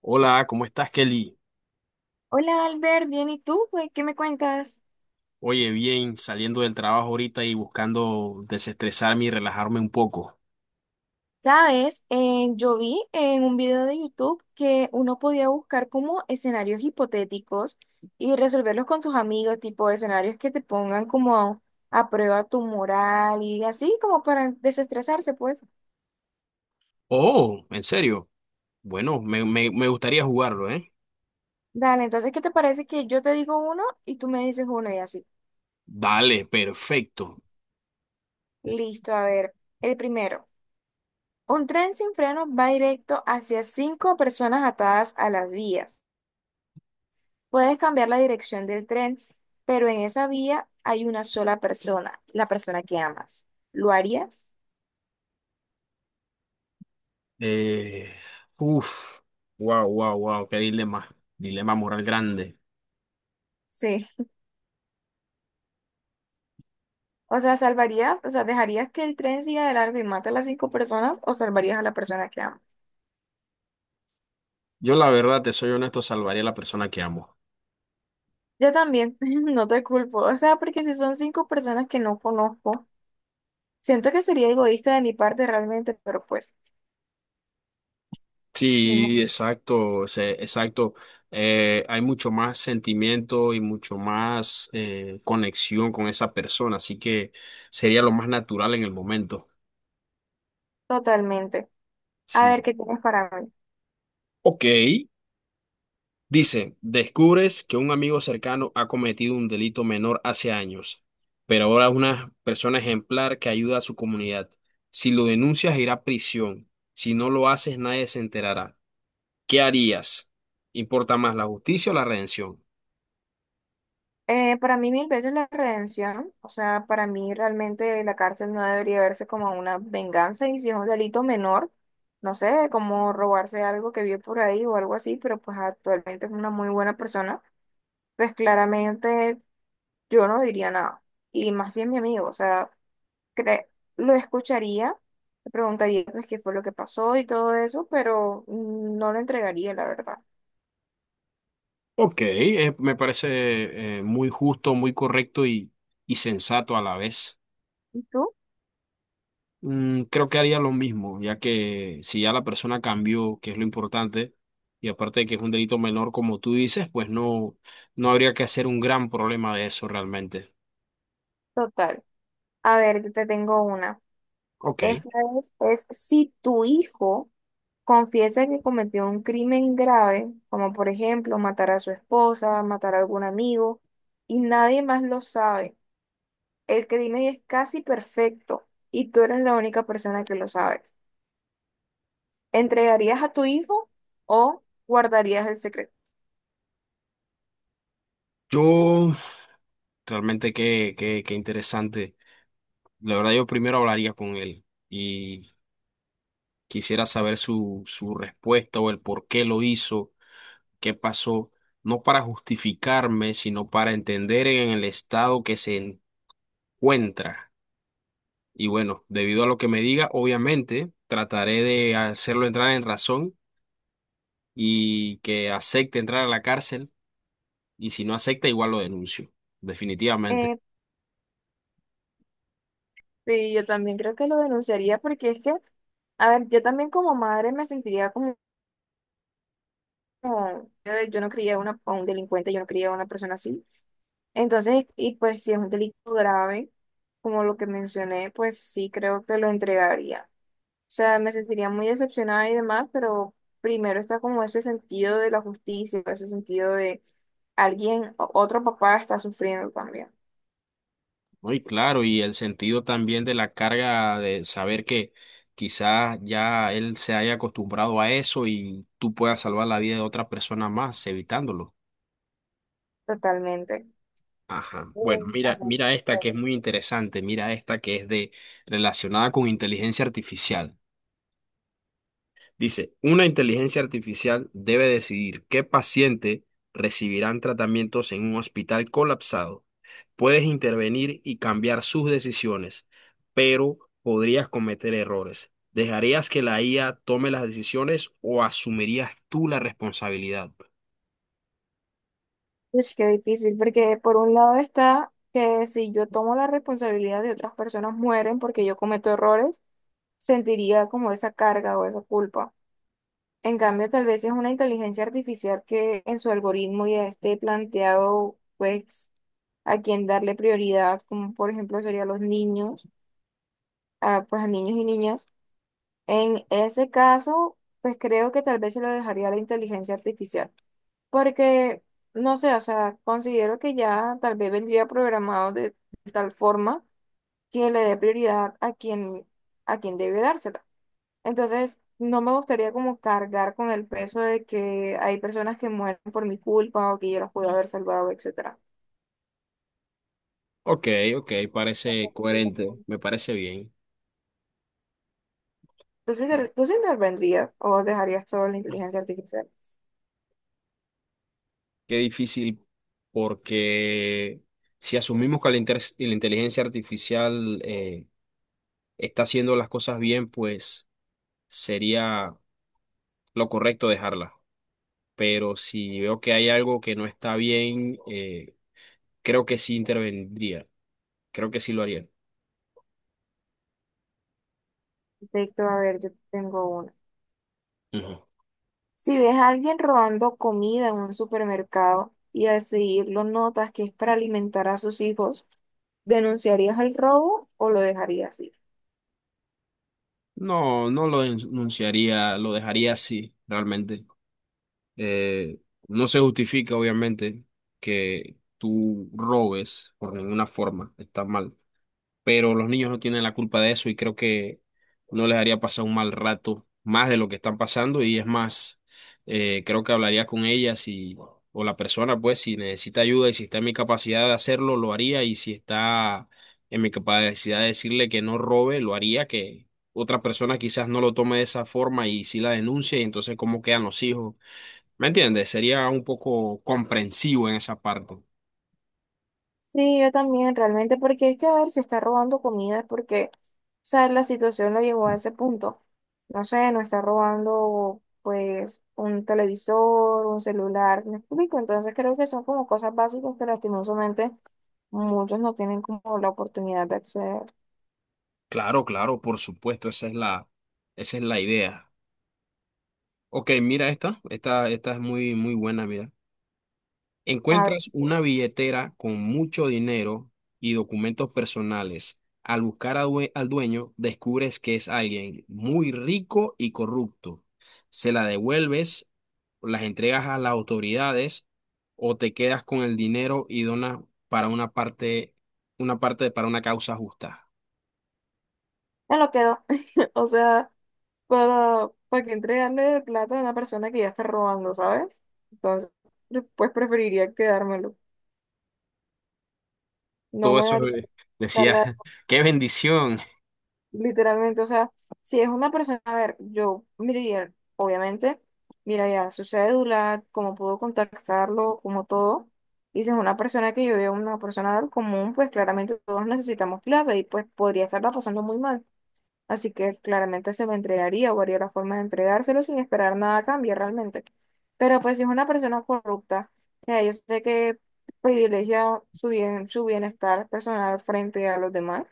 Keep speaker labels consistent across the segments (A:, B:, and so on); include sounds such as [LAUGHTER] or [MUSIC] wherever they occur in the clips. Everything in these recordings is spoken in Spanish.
A: Hola, ¿cómo estás, Kelly?
B: Hola Albert, bien, ¿y tú? Pues, ¿qué me cuentas?
A: Oye, bien, saliendo del trabajo ahorita y buscando desestresarme y relajarme un poco.
B: Sabes, yo vi en un video de YouTube que uno podía buscar como escenarios hipotéticos y resolverlos con tus amigos, tipo escenarios que te pongan como a prueba tu moral y así como para desestresarse, pues.
A: Oh, ¿en serio? Bueno, me gustaría jugarlo, ¿eh?
B: Dale, entonces, ¿qué te parece que yo te digo uno y tú me dices uno y así?
A: Dale, perfecto.
B: Listo, a ver, el primero. Un tren sin freno va directo hacia cinco personas atadas a las vías. Puedes cambiar la dirección del tren, pero en esa vía hay una sola persona, la persona que amas. ¿Lo harías?
A: Eh, uf, wow, wow, wow, qué dilema. Dilema moral grande.
B: Sí. O sea, ¿salvarías? O sea, ¿dejarías que el tren siga de largo y mate a las cinco personas o salvarías a la persona que amas?
A: Yo, la verdad, te soy honesto, salvaría a la persona que amo.
B: Yo también, [LAUGHS] no te culpo. O sea, porque si son cinco personas que no conozco, siento que sería egoísta de mi parte realmente, pero pues, ni
A: Sí,
B: modo,
A: exacto, exacto. Hay mucho más sentimiento y mucho más conexión con esa persona, así que sería lo más natural en el momento.
B: totalmente. A ver,
A: Sí.
B: ¿qué tienes para mí?
A: Ok. Dice, descubres que un amigo cercano ha cometido un delito menor hace años, pero ahora es una persona ejemplar que ayuda a su comunidad. Si lo denuncias, irá a prisión. Si no lo haces, nadie se enterará. ¿Qué harías? ¿Importa más la justicia o la redención?
B: Para mí mil veces la redención, o sea, para mí realmente la cárcel no debería verse como una venganza y si es un delito menor, no sé, como robarse algo que vio por ahí o algo así, pero pues actualmente es una muy buena persona, pues claramente yo no diría nada. Y más si es mi amigo, o sea, cre- lo escucharía, le preguntaría pues qué fue lo que pasó y todo eso, pero no lo entregaría, la verdad.
A: Ok, me parece muy justo, muy correcto y sensato a la vez.
B: ¿Y tú?
A: Mm, creo que haría lo mismo, ya que si ya la persona cambió, que es lo importante, y aparte de que es un delito menor, como tú dices, pues no, no habría que hacer un gran problema de eso realmente.
B: Total. A ver, yo te tengo una.
A: Ok,
B: Esta es si tu hijo confiesa que cometió un crimen grave, como por ejemplo matar a su esposa, matar a algún amigo, y nadie más lo sabe. El crimen es casi perfecto y tú eres la única persona que lo sabes. ¿Entregarías a tu hijo o guardarías el secreto?
A: yo realmente qué interesante. La verdad, yo primero hablaría con él y quisiera saber su respuesta o el por qué lo hizo, qué pasó, no para justificarme, sino para entender en el estado que se encuentra. Y bueno, debido a lo que me diga, obviamente trataré de hacerlo entrar en razón y que acepte entrar a la cárcel. Y si no acepta, igual lo denuncio, definitivamente.
B: Eh, sí, yo también creo que lo denunciaría porque es que, a ver, yo también como madre me sentiría como, como, yo no crié a una- a un delincuente, yo no crié a una persona así. Entonces, y pues si es un delito grave, como lo que mencioné, pues sí creo que lo entregaría. O sea, me sentiría muy decepcionada y demás, pero primero está como ese sentido de la justicia, ese sentido de alguien, o- otro papá está sufriendo también,
A: Muy claro, y el sentido también de la carga de saber que quizás ya él se haya acostumbrado a eso y tú puedas salvar la vida de otra persona más evitándolo.
B: totalmente.
A: Ajá. Bueno,
B: Mm, a
A: mira,
B: ver,
A: mira esta que es
B: pero-
A: muy interesante, mira esta que es de relacionada con inteligencia artificial. Dice, una inteligencia artificial debe decidir qué paciente recibirán tratamientos en un hospital colapsado. Puedes intervenir y cambiar sus decisiones, pero podrías cometer errores. ¿Dejarías que la IA tome las decisiones o asumirías tú la responsabilidad?
B: Ush, qué difícil, porque por un lado está que si yo tomo la responsabilidad de otras personas mueren porque yo cometo errores, sentiría como esa carga o esa culpa. En cambio, tal vez es una inteligencia artificial que en su algoritmo ya esté planteado, pues, a quién darle prioridad, como por ejemplo serían los niños, a, pues a niños y niñas. En ese caso, pues creo que tal vez se lo dejaría a la inteligencia artificial, porque, no sé, o sea, considero que ya tal vez vendría programado de tal forma que le dé prioridad a quien debe dársela. Entonces, no me gustaría como cargar con el peso de que hay personas que mueren por mi culpa o que yo los pude haber salvado, etcétera.
A: Ok, ok, parece coherente, me parece bien.
B: Entonces, inter- ¿tú sí intervendrías o dejarías todo en la inteligencia artificial?
A: Qué difícil, porque si asumimos que la inteligencia artificial está haciendo las cosas bien, pues sería lo correcto dejarla. Pero si veo que hay algo que no está bien, creo que sí intervendría. Creo que sí lo haría.
B: Perfecto, a ver, yo tengo una.
A: Ujú.
B: Si ves a alguien robando comida en un supermercado y al seguirlo notas que es para alimentar a sus hijos, ¿denunciarías el robo o lo dejarías ir?
A: No, no lo denunciaría, lo dejaría así, realmente. Eh, no se justifica, obviamente, que tú robes por ninguna forma. Está mal, pero los niños no tienen la culpa de eso y creo que no les haría pasar un mal rato más de lo que están pasando y es más, creo que hablaría con ellas y, o la persona, pues, si necesita ayuda y si está en mi capacidad de hacerlo, lo haría, y si está en mi capacidad de decirle que no robe, lo haría, que otra persona quizás no lo tome de esa forma y si la denuncia, y entonces cómo quedan los hijos. ¿Me entiendes? Sería un poco comprensivo en esa parte.
B: Sí, yo también, realmente, porque es que a ver si está robando comida, es porque, o sea, la situación lo llevó a ese punto. No sé, no está robando, pues, un televisor, un celular, ¿me explico? Entonces creo que son como cosas básicas que lastimosamente muchos no tienen como la oportunidad de acceder.
A: Claro, claro, por supuesto, esa es esa es la idea. Ok, mira esta. Esta es muy, muy buena, mira.
B: A ver,
A: Encuentras una billetera con mucho dinero y documentos personales. Al buscar al dueño, descubres que es alguien muy rico y corrupto. ¿Se la devuelves, las entregas a las autoridades o te quedas con el dinero y donas para una parte, una parte para una causa justa?
B: me lo quedo. [LAUGHS] O sea, para que entregarle el plato a una persona que ya está robando, ¿sabes? Entonces, pues preferiría quedármelo. No
A: Todo
B: me
A: eso
B: daría carga.
A: decía, [LAUGHS] qué bendición.
B: Literalmente, o sea, si es una persona, a ver, yo miraría, obviamente, miraría su cédula, cómo puedo contactarlo, como todo. Y si es una persona que yo veo, una persona común, pues claramente todos necesitamos plata y pues podría estarla pasando muy mal. Así que claramente se lo entregaría o haría la forma de entregárselo sin esperar nada a cambio realmente. Pero pues si es una persona corrupta, que yo sé que privilegia su bien, su bienestar personal frente a los demás,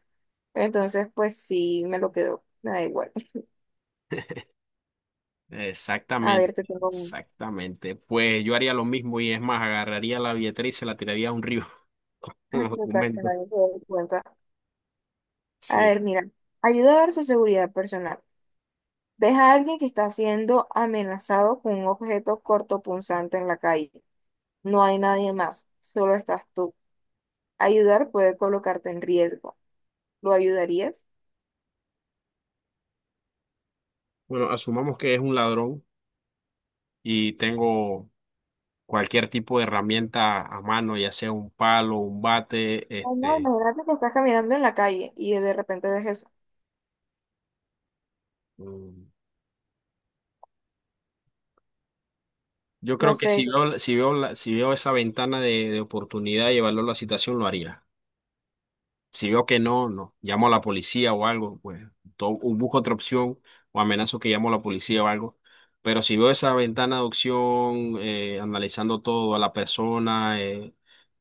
B: entonces pues sí me lo quedo, me da igual. [LAUGHS] A
A: Exactamente,
B: ver, te tengo un
A: exactamente. Pues yo haría lo mismo y es más, agarraría la billetera y se la tiraría a un río [LAUGHS] con los
B: explicar que
A: documentos.
B: nadie se dé cuenta. A
A: Sí.
B: ver, mira, ayuda a ver su seguridad personal. Ves a alguien que está siendo amenazado con un objeto cortopunzante en la calle. No hay nadie más, solo estás tú. Ayudar puede colocarte en riesgo. ¿Lo ayudarías?
A: Bueno, asumamos que es un ladrón y tengo cualquier tipo de herramienta a mano, ya sea un palo, un bate,
B: O no,
A: este,
B: imagínate que estás caminando en la calle y de repente ves eso.
A: mm, yo
B: No
A: creo que
B: sé.
A: si veo, si veo, si veo esa ventana de oportunidad y evaluar la situación, lo haría. Si veo que no, no, llamo a la policía o algo, pues o busco otra opción o amenazo que llamo a la policía o algo. Pero si veo esa ventana de opción, analizando todo, a la persona,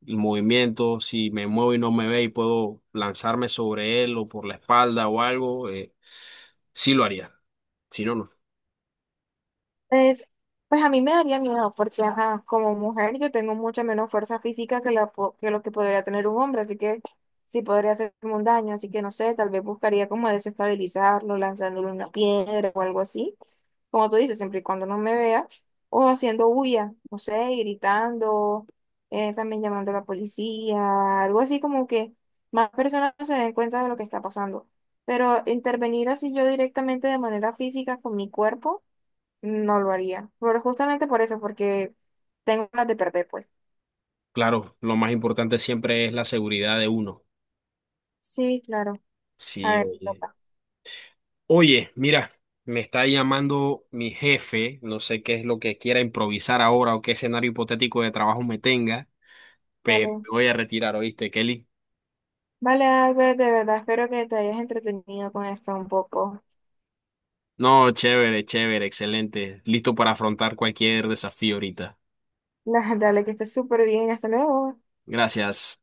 A: el movimiento, si me muevo y no me ve y puedo lanzarme sobre él o por la espalda o algo, sí lo haría. Si no, no.
B: Es, pues a mí me daría miedo porque, ajá, como mujer yo tengo mucha menos fuerza física que, la, po- que lo que podría tener un hombre, así que sí podría hacerme un daño, así que no sé, tal vez buscaría como desestabilizarlo, lanzándole una piedra o algo así, como tú dices, siempre y cuando no me vea, o haciendo bulla, no sé, y gritando, también llamando a la policía, algo así como que más personas se den cuenta de lo que está pasando. Pero intervenir así yo directamente de manera física con mi cuerpo no lo haría. Pero justamente por eso, porque tengo ganas de perder, pues.
A: Claro, lo más importante siempre es la seguridad de uno.
B: Sí, claro. A
A: Sí,
B: ver, te
A: oye.
B: toca.
A: Oye, mira, me está llamando mi jefe, no sé qué es lo que quiera improvisar ahora o qué escenario hipotético de trabajo me tenga, pero
B: Vale.
A: me voy a retirar, ¿oíste, Kelly?
B: Vale, Albert, de verdad, espero que te hayas entretenido con esto un poco.
A: No, chévere, chévere, excelente, listo para afrontar cualquier desafío ahorita.
B: [LAUGHS] Dale, que estés súper bien. Hasta luego.
A: Gracias.